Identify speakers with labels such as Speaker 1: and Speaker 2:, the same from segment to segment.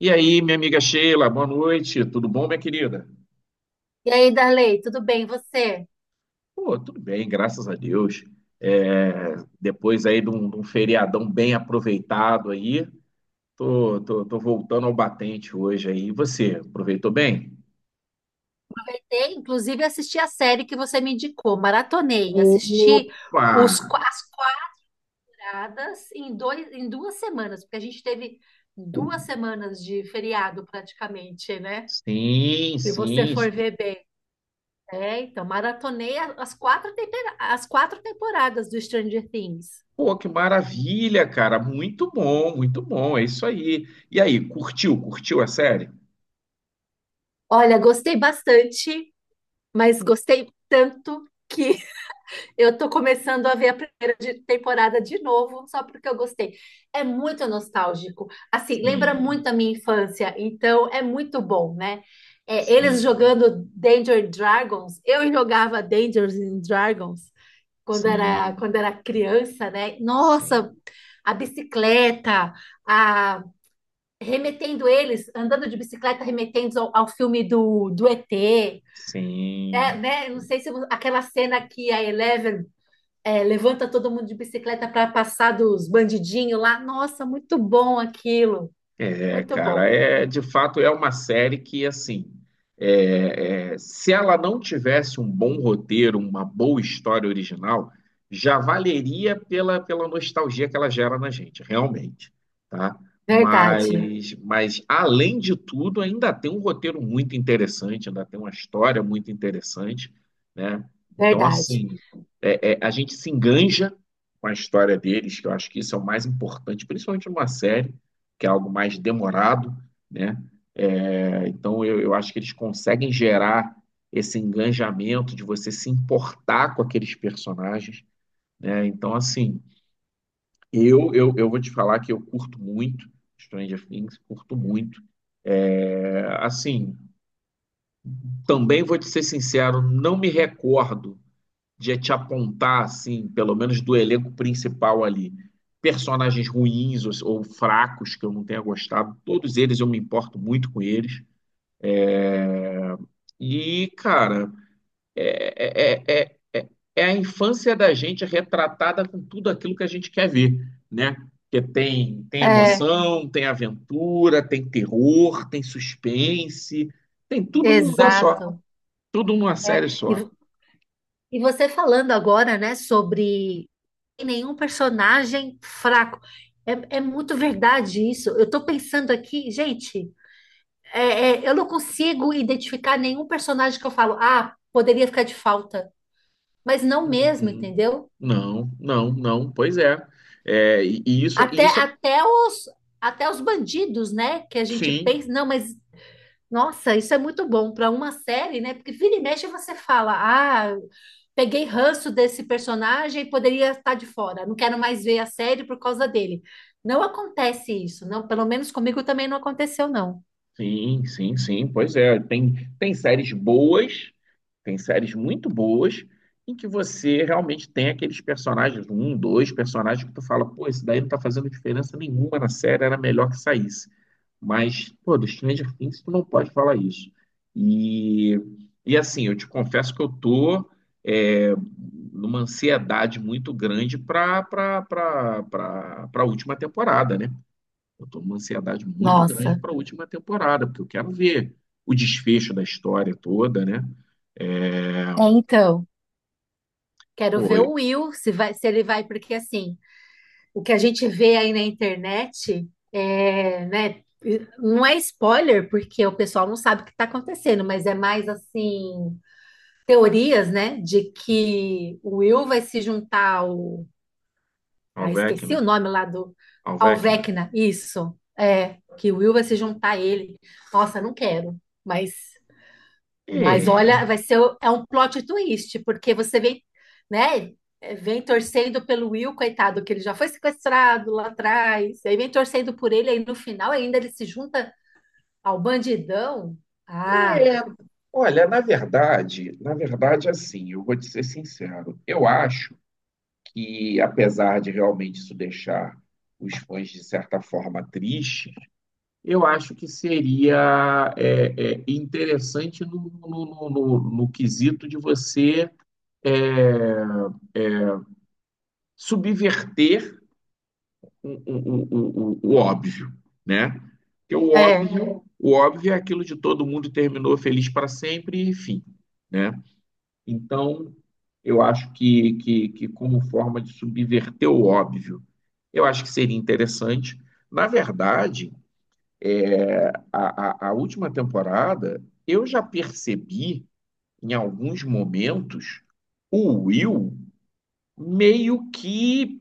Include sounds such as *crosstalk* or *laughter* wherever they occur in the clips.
Speaker 1: E aí, minha amiga Sheila, boa noite. Tudo bom, minha querida?
Speaker 2: E aí, Darley, tudo bem? E você?
Speaker 1: Pô, tudo bem, graças a Deus. É, Depois aí de um feriadão bem aproveitado aí, tô voltando ao batente hoje aí. E você, aproveitou bem?
Speaker 2: E, inclusive, assisti a série que você me indicou, maratonei, assisti
Speaker 1: Opa!
Speaker 2: as quadradas em duas semanas, porque a gente teve duas semanas de feriado praticamente, né?
Speaker 1: Sim,
Speaker 2: Se você
Speaker 1: sim.
Speaker 2: for ver bem. É, então, maratonei as quatro, as quatro temporadas do Stranger Things.
Speaker 1: Pô, que maravilha, cara. Muito bom, muito bom. É isso aí. E aí, curtiu? Curtiu a série?
Speaker 2: Olha, gostei bastante, mas gostei tanto que eu tô começando a ver a primeira temporada de novo, só porque eu gostei. É muito nostálgico. Assim, lembra
Speaker 1: Sim,
Speaker 2: muito a minha infância, então é muito bom, né? É, eles
Speaker 1: sim,
Speaker 2: jogando Danger Dragons, eu jogava Danger Dragons
Speaker 1: sim,
Speaker 2: quando era criança, né? Nossa,
Speaker 1: sim,
Speaker 2: a bicicleta, a, remetendo eles, andando de bicicleta, remetendo ao filme do ET. É,
Speaker 1: sim.
Speaker 2: né? Não sei se aquela cena que a Eleven levanta todo mundo de bicicleta para passar dos bandidinhos lá. Nossa, muito bom aquilo.
Speaker 1: É,
Speaker 2: Muito
Speaker 1: cara,
Speaker 2: bom.
Speaker 1: é de fato é uma série que assim, se ela não tivesse um bom roteiro, uma boa história original, já valeria pela nostalgia que ela gera na gente, realmente, tá?
Speaker 2: Verdade,
Speaker 1: Mas além de tudo, ainda tem um roteiro muito interessante, ainda tem uma história muito interessante, né? Então,
Speaker 2: verdade.
Speaker 1: assim, a gente se enganja com a história deles, que eu acho que isso é o mais importante, principalmente numa série que é algo mais demorado, né? É, então eu acho que eles conseguem gerar esse engajamento de você se importar com aqueles personagens, né? Então, assim, eu vou te falar que eu curto muito Stranger Things, curto muito. É, assim, também vou te ser sincero, não me recordo de te apontar, assim, pelo menos do elenco principal ali, personagens ruins ou fracos que eu não tenha gostado. Todos eles eu me importo muito com eles. E, cara, é, é, é, é, é é a infância da gente retratada com tudo aquilo que a gente quer ver, né? Porque tem
Speaker 2: É,
Speaker 1: emoção, tem aventura, tem terror, tem suspense, tem tudo num lugar só,
Speaker 2: exato.
Speaker 1: tudo numa
Speaker 2: É.
Speaker 1: série
Speaker 2: E,
Speaker 1: só.
Speaker 2: vo- e você falando agora, né, sobre nenhum personagem fraco. É, é muito verdade isso. Eu tô pensando aqui, gente, eu não consigo identificar nenhum personagem que eu falo, ah, poderia ficar de falta. Mas não
Speaker 1: Hum,
Speaker 2: mesmo,
Speaker 1: hum.
Speaker 2: entendeu?
Speaker 1: Não, não, não, pois é. É, e
Speaker 2: Até,
Speaker 1: isso,
Speaker 2: até os, até os bandidos, né? Que a gente
Speaker 1: sim.
Speaker 2: pensa, não, mas nossa, isso é muito bom para uma série, né? Porque vira e mexe você fala, ah, peguei ranço desse personagem poderia estar de fora, não quero mais ver a série por causa dele. Não acontece isso, não, pelo menos comigo também não aconteceu, não.
Speaker 1: Sim, sim, sim, pois é. Tem séries boas, tem séries muito boas, em que você realmente tem aqueles personagens, um, dois personagens que tu fala, pô, esse daí não tá fazendo diferença nenhuma na série, era melhor que saísse. Mas, pô, do Stranger Things tu não pode falar isso. E, e assim, eu te confesso que eu tô é, numa ansiedade muito grande para a última temporada, né? Eu estou numa ansiedade muito grande
Speaker 2: Nossa,
Speaker 1: para a última temporada, porque eu quero ver o desfecho da história toda, né? É,
Speaker 2: é então. Quero
Speaker 1: pô,
Speaker 2: ver o Will, se vai, se ele vai, porque assim. O que a gente vê aí na internet é, né, não é spoiler, porque o pessoal não sabe o que está acontecendo, mas é mais assim, teorias, né, de que o Will vai se juntar ao. Ah, esqueci o
Speaker 1: Alvecna,
Speaker 2: nome lá do. Ao
Speaker 1: Alvecna.
Speaker 2: Vecna, isso. É, que o Will vai se juntar a ele. Nossa, não quero, mas mas olha,
Speaker 1: É,
Speaker 2: vai ser é um plot twist, porque você vem, né, vem torcendo pelo Will, coitado, que ele já foi sequestrado lá atrás, aí vem torcendo por ele, aí no final ainda ele se junta ao bandidão. Ah,
Speaker 1: é, olha, na verdade, assim, eu vou te ser sincero, eu acho que, apesar de realmente isso deixar os fãs, de certa forma, tristes, eu acho que seria é, é, interessante no quesito de você é, subverter o óbvio, né? Porque
Speaker 2: é,
Speaker 1: o óbvio é aquilo de todo mundo terminou feliz para sempre e fim, né? Então, eu acho que como forma de subverter o óbvio, eu acho que seria interessante. Na verdade, a última temporada, eu já percebi, em alguns momentos, o Will meio que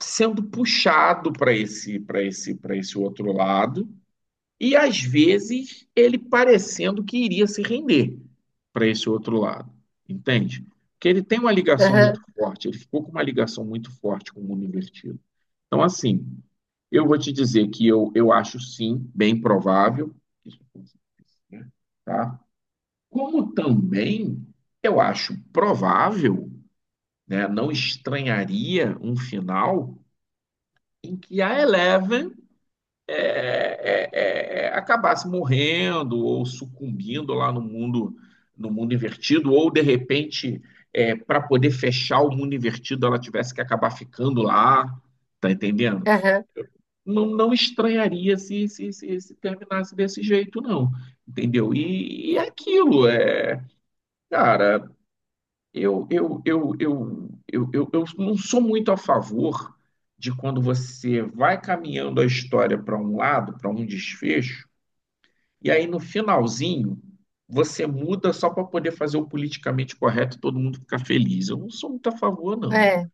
Speaker 1: sendo puxado para esse, para esse outro lado, e às vezes ele parecendo que iria se render para esse outro lado, entende? Porque ele tem uma ligação muito
Speaker 2: aham,
Speaker 1: forte, ele ficou com uma ligação muito forte com o mundo invertido. Então, assim, eu vou te dizer que eu acho sim, bem provável, que isso aconteça, tá? Como também eu acho provável, né, não estranharia um final em que a Eleven acabasse morrendo ou sucumbindo lá no mundo no mundo invertido, ou de repente, é, para poder fechar o mundo invertido, ela tivesse que acabar ficando lá, tá entendendo?
Speaker 2: aham,
Speaker 1: Não, não estranharia se terminasse desse jeito, não. Entendeu? E é
Speaker 2: uh,
Speaker 1: aquilo é. Cara, eu não sou muito a favor de quando você vai caminhando a história para um lado, para um desfecho, e aí no finalzinho, você muda só para poder fazer o politicamente correto, e todo mundo ficar feliz. Eu não sou muito a favor, não.
Speaker 2: é,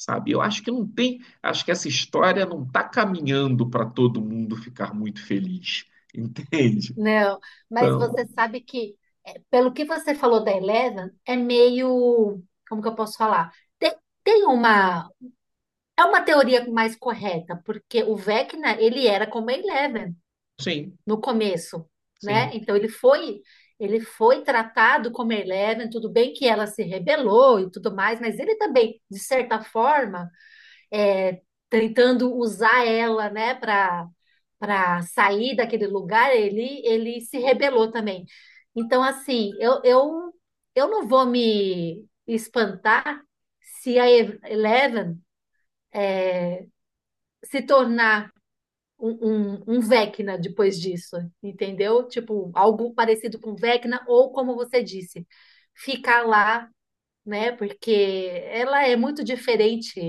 Speaker 1: Sabe? Eu acho que não tem, acho que essa história não está caminhando para todo mundo ficar muito feliz. *laughs* Entende?
Speaker 2: não, mas você
Speaker 1: Então,
Speaker 2: sabe que, pelo que você falou da Eleven, é meio, como que eu posso falar? Tem, tem uma, é uma teoria mais correta, porque o Vecna, ele era como a Eleven,
Speaker 1: sim,
Speaker 2: no começo, né?
Speaker 1: sim,
Speaker 2: Então ele foi tratado como Eleven, tudo bem que ela se rebelou e tudo mais, mas ele também, de certa forma, é, tentando usar ela, né, para sair daquele lugar, ele se rebelou também. Então assim, eu não vou me espantar se a Eleven se tornar um Vecna depois disso, entendeu? Tipo, algo parecido com Vecna, ou como você disse, ficar lá, né? Porque ela é muito diferente.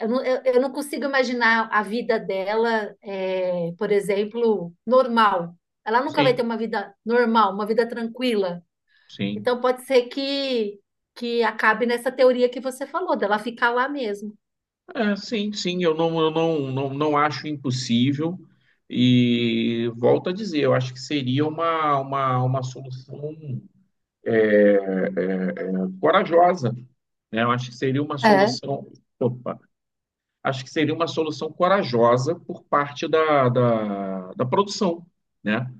Speaker 2: Eu não consigo imaginar a vida dela, é, por exemplo, normal. Ela nunca vai ter
Speaker 1: sim,
Speaker 2: uma vida normal, uma vida tranquila.
Speaker 1: sim.
Speaker 2: Então pode ser que acabe nessa teoria que você falou, dela ficar lá mesmo.
Speaker 1: É, sim, sim, eu não, não acho impossível. E volto a dizer, eu acho que seria uma solução é, é, corajosa. Né? Eu acho que seria uma
Speaker 2: É,
Speaker 1: solução, opa, acho que seria uma solução corajosa por parte da produção, né?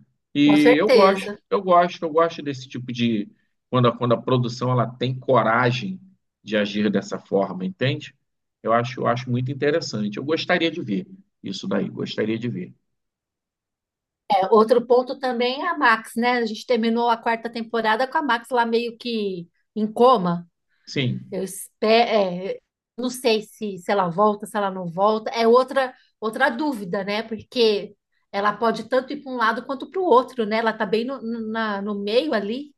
Speaker 2: com
Speaker 1: E
Speaker 2: certeza.
Speaker 1: eu gosto desse tipo de quando quando a produção ela tem coragem de agir dessa forma, entende? Eu acho muito interessante. Eu gostaria de ver isso daí, gostaria de ver.
Speaker 2: Outro ponto também é a Max, né? A gente terminou a quarta temporada com a Max lá meio que em coma.
Speaker 1: Sim,
Speaker 2: Eu espero, não sei se, se ela volta, se ela não volta. É outra dúvida, né? Porque ela pode tanto ir para um lado quanto para o outro, né? Ela tá bem no, no meio ali.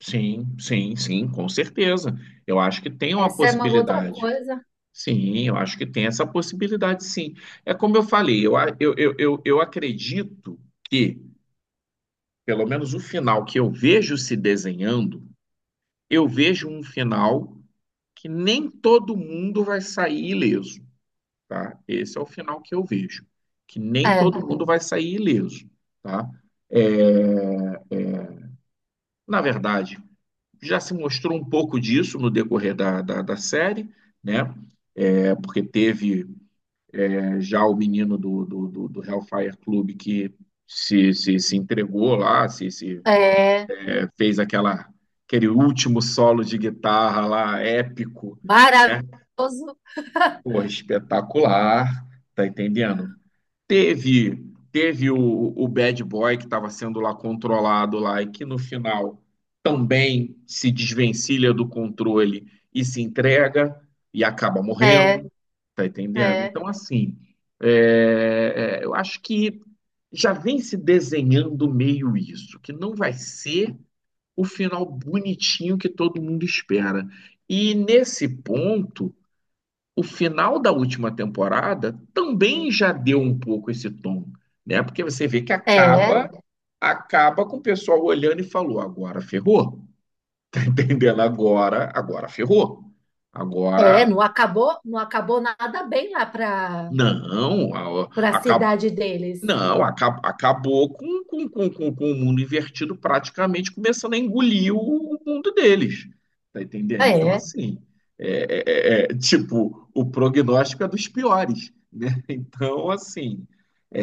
Speaker 1: sim, sim, sim, com certeza. Eu acho que tem uma
Speaker 2: Essa é uma outra
Speaker 1: possibilidade.
Speaker 2: coisa.
Speaker 1: Sim, eu acho que tem essa possibilidade, sim. É como eu falei, eu, a- eu, eu acredito que, pelo menos o final que eu vejo se desenhando, eu vejo um final que nem todo mundo vai sair ileso, tá? Esse é o final que eu vejo, que nem
Speaker 2: É,
Speaker 1: todo mundo vai sair ileso, tá? Na verdade, já se mostrou um pouco disso no decorrer da série, né? É, porque teve já o menino do Hellfire Club que se entregou lá, se
Speaker 2: é
Speaker 1: é, fez aquela, aquele último solo de guitarra lá, épico, né?
Speaker 2: maravilhoso.
Speaker 1: Pô, espetacular, tá entendendo? Teve teve o Bad Boy que estava sendo lá controlado lá e que no final também se desvencilha do controle e se entrega e acaba
Speaker 2: É,
Speaker 1: morrendo. Tá entendendo?
Speaker 2: é,
Speaker 1: Então, assim, eu acho que já vem se desenhando meio isso, que não vai ser o final bonitinho que todo mundo espera. E nesse ponto, o final da última temporada também já deu um pouco esse tom, né? Porque você vê que
Speaker 2: é, é.
Speaker 1: acaba com o pessoal olhando e falou: agora ferrou. *laughs* Entendendo? Agora, agora ferrou.
Speaker 2: É,
Speaker 1: Agora,
Speaker 2: não acabou, não acabou nada bem lá
Speaker 1: não, a-
Speaker 2: para a
Speaker 1: acabou
Speaker 2: cidade deles.
Speaker 1: Não, acabou com o mundo invertido praticamente começando a engolir o mundo deles. Tá
Speaker 2: É,
Speaker 1: entendendo? Então,
Speaker 2: é,
Speaker 1: assim, tipo, o prognóstico é dos piores, né? *laughs* Então, assim,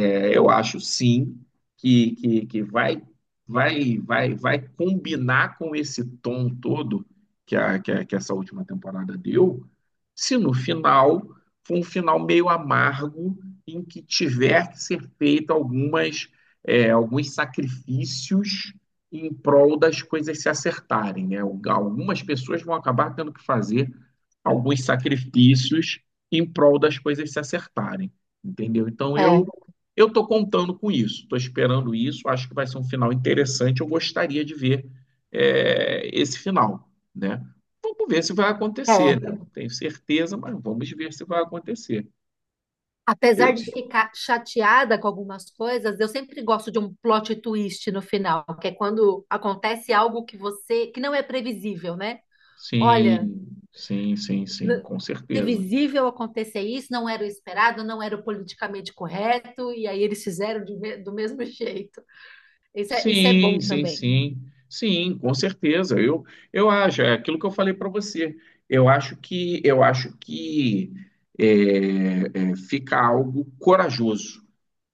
Speaker 1: é, eu acho sim que vai, vai combinar com esse tom todo que essa última temporada deu, se no final for um final meio amargo em que tiver que ser feito algumas, é, alguns sacrifícios em prol das coisas se acertarem, né? Algumas pessoas vão acabar tendo que fazer alguns sacrifícios em prol das coisas se acertarem, entendeu? Então eu estou contando com isso, estou esperando isso, acho que vai ser um final interessante. Eu gostaria de ver é, esse final, né? Vamos ver se vai
Speaker 2: é.
Speaker 1: acontecer, né? Não tenho certeza, mas vamos ver se vai acontecer. Eu-
Speaker 2: Apesar de ficar chateada com algumas coisas, eu sempre gosto de um plot twist no final, que é quando acontece algo que você, que não é previsível, né? Olha,
Speaker 1: Sim, sim, sim, sim,
Speaker 2: n-
Speaker 1: com certeza.
Speaker 2: previsível acontecer isso, não era o esperado, não era o politicamente correto, e aí eles fizeram do mesmo *laughs* jeito. Isso é
Speaker 1: Sim,
Speaker 2: bom
Speaker 1: sim,
Speaker 2: também.
Speaker 1: sim. Sim, com certeza. Eu acho, é aquilo que eu falei para você. Eu acho que é, fica algo corajoso.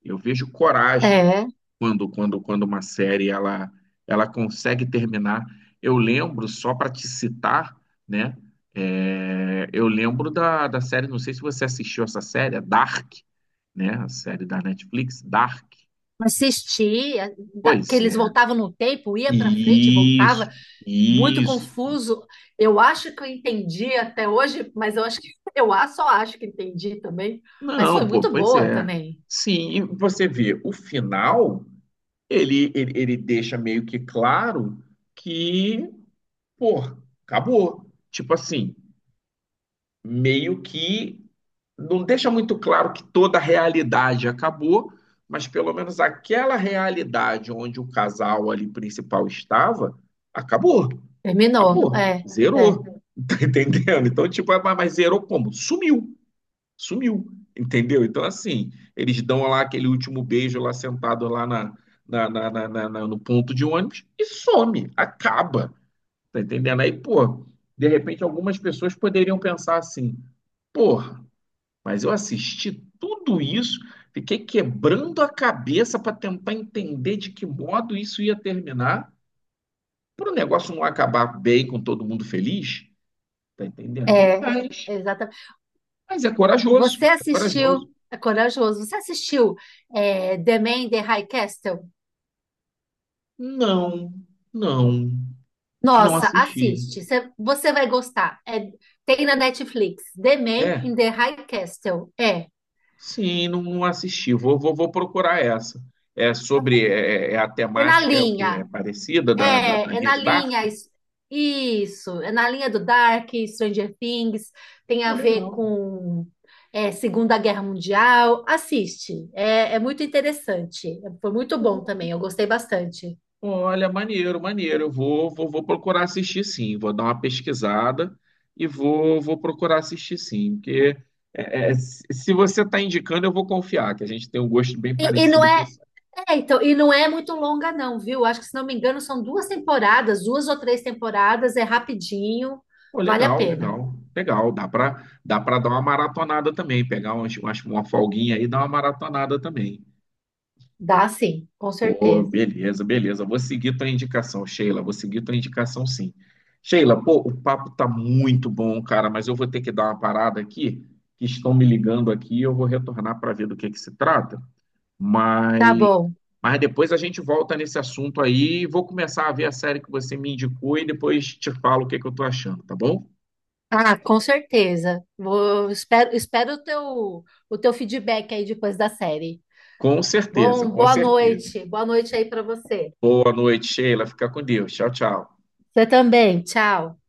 Speaker 1: Eu vejo coragem
Speaker 2: É,
Speaker 1: quando uma série ela consegue terminar. Eu lembro só para te citar, né? É, eu lembro da série, não sei se você assistiu essa série, a Dark, né? A série da Netflix, Dark.
Speaker 2: assistir, que
Speaker 1: Pois
Speaker 2: eles
Speaker 1: é.
Speaker 2: voltavam no tempo, ia para frente, voltava.
Speaker 1: Isso,
Speaker 2: Muito
Speaker 1: isso.
Speaker 2: confuso. Eu acho que eu entendi até hoje, mas eu acho que *laughs* só acho que entendi também. Mas foi
Speaker 1: Não, pô,
Speaker 2: muito
Speaker 1: pois
Speaker 2: boa
Speaker 1: é.
Speaker 2: também.
Speaker 1: Sim, e você vê, o final, ele deixa meio que claro que, pô, acabou. Tipo assim, meio que não deixa muito claro que toda a realidade acabou, mas pelo menos aquela realidade onde o casal ali principal estava, acabou,
Speaker 2: Terminou.
Speaker 1: acabou,
Speaker 2: É,
Speaker 1: zerou, *laughs* tá entendendo? Então, tipo, ah, mas zerou como? Sumiu, sumiu, entendeu? Então, assim, eles dão lá aquele último beijo lá sentado lá no ponto de ônibus e some, acaba, tá entendendo? Aí, pô, de repente algumas pessoas poderiam pensar assim, porra, mas eu assisti tudo isso, fiquei quebrando a cabeça para tentar entender de que modo isso ia terminar, para o negócio não acabar bem com todo mundo feliz, tá entendendo?
Speaker 2: é, exatamente.
Speaker 1: Mas é corajoso,
Speaker 2: Você
Speaker 1: é corajoso.
Speaker 2: assistiu, é corajoso, você assistiu é, The Man in the High Castle?
Speaker 1: Não, não, não
Speaker 2: Nossa,
Speaker 1: assisti.
Speaker 2: assiste. Você vai gostar. É, tem na Netflix. The Man
Speaker 1: É,
Speaker 2: in the High Castle. É.
Speaker 1: sim, não, não assisti. Vou procurar essa. É sobre é, é é a
Speaker 2: É na
Speaker 1: temática, é o que é
Speaker 2: linha.
Speaker 1: parecida da
Speaker 2: É, é
Speaker 1: linha
Speaker 2: na
Speaker 1: de Dark.
Speaker 2: linha. Isso, é na linha do Dark, Stranger Things, tem
Speaker 1: Pô,
Speaker 2: a ver
Speaker 1: legal.
Speaker 2: com é, Segunda Guerra Mundial. Assiste, é, é muito interessante. Foi muito bom também, eu gostei bastante.
Speaker 1: Olha, maneiro, maneiro. Vou procurar assistir sim. Vou dar uma pesquisada e vou procurar assistir sim. Porque se se você está indicando, eu vou confiar, que a gente tem um gosto bem
Speaker 2: E não
Speaker 1: parecido com
Speaker 2: é,
Speaker 1: isso.
Speaker 2: é, então, e não é muito longa, não, viu? Acho que, se não me engano, são duas temporadas, duas ou três temporadas, é rapidinho,
Speaker 1: Pô,
Speaker 2: vale a
Speaker 1: legal,
Speaker 2: pena.
Speaker 1: legal, legal. Dá para dar uma maratonada também, pegar uma folguinha aí e dar uma maratonada também.
Speaker 2: Dá sim, com
Speaker 1: Pô,
Speaker 2: certeza.
Speaker 1: beleza, beleza. Vou seguir tua indicação, Sheila. Vou seguir tua indicação, sim. Sheila, pô, o papo tá muito bom, cara, mas eu vou ter que dar uma parada aqui, que estão me ligando aqui, e eu vou retornar para ver do que se trata.
Speaker 2: Tá
Speaker 1: Mas,
Speaker 2: bom.
Speaker 1: mas depois a gente volta nesse assunto aí, vou começar a ver a série que você me indicou e depois te falo o que que eu tô achando, tá bom?
Speaker 2: Ah, com certeza. Espero, o teu feedback aí depois da série.
Speaker 1: Com certeza,
Speaker 2: Bom,
Speaker 1: com
Speaker 2: boa
Speaker 1: certeza.
Speaker 2: noite. Boa noite aí para você.
Speaker 1: Boa noite, Sheila. Fica com Deus. Tchau, tchau.
Speaker 2: Você também. Tchau.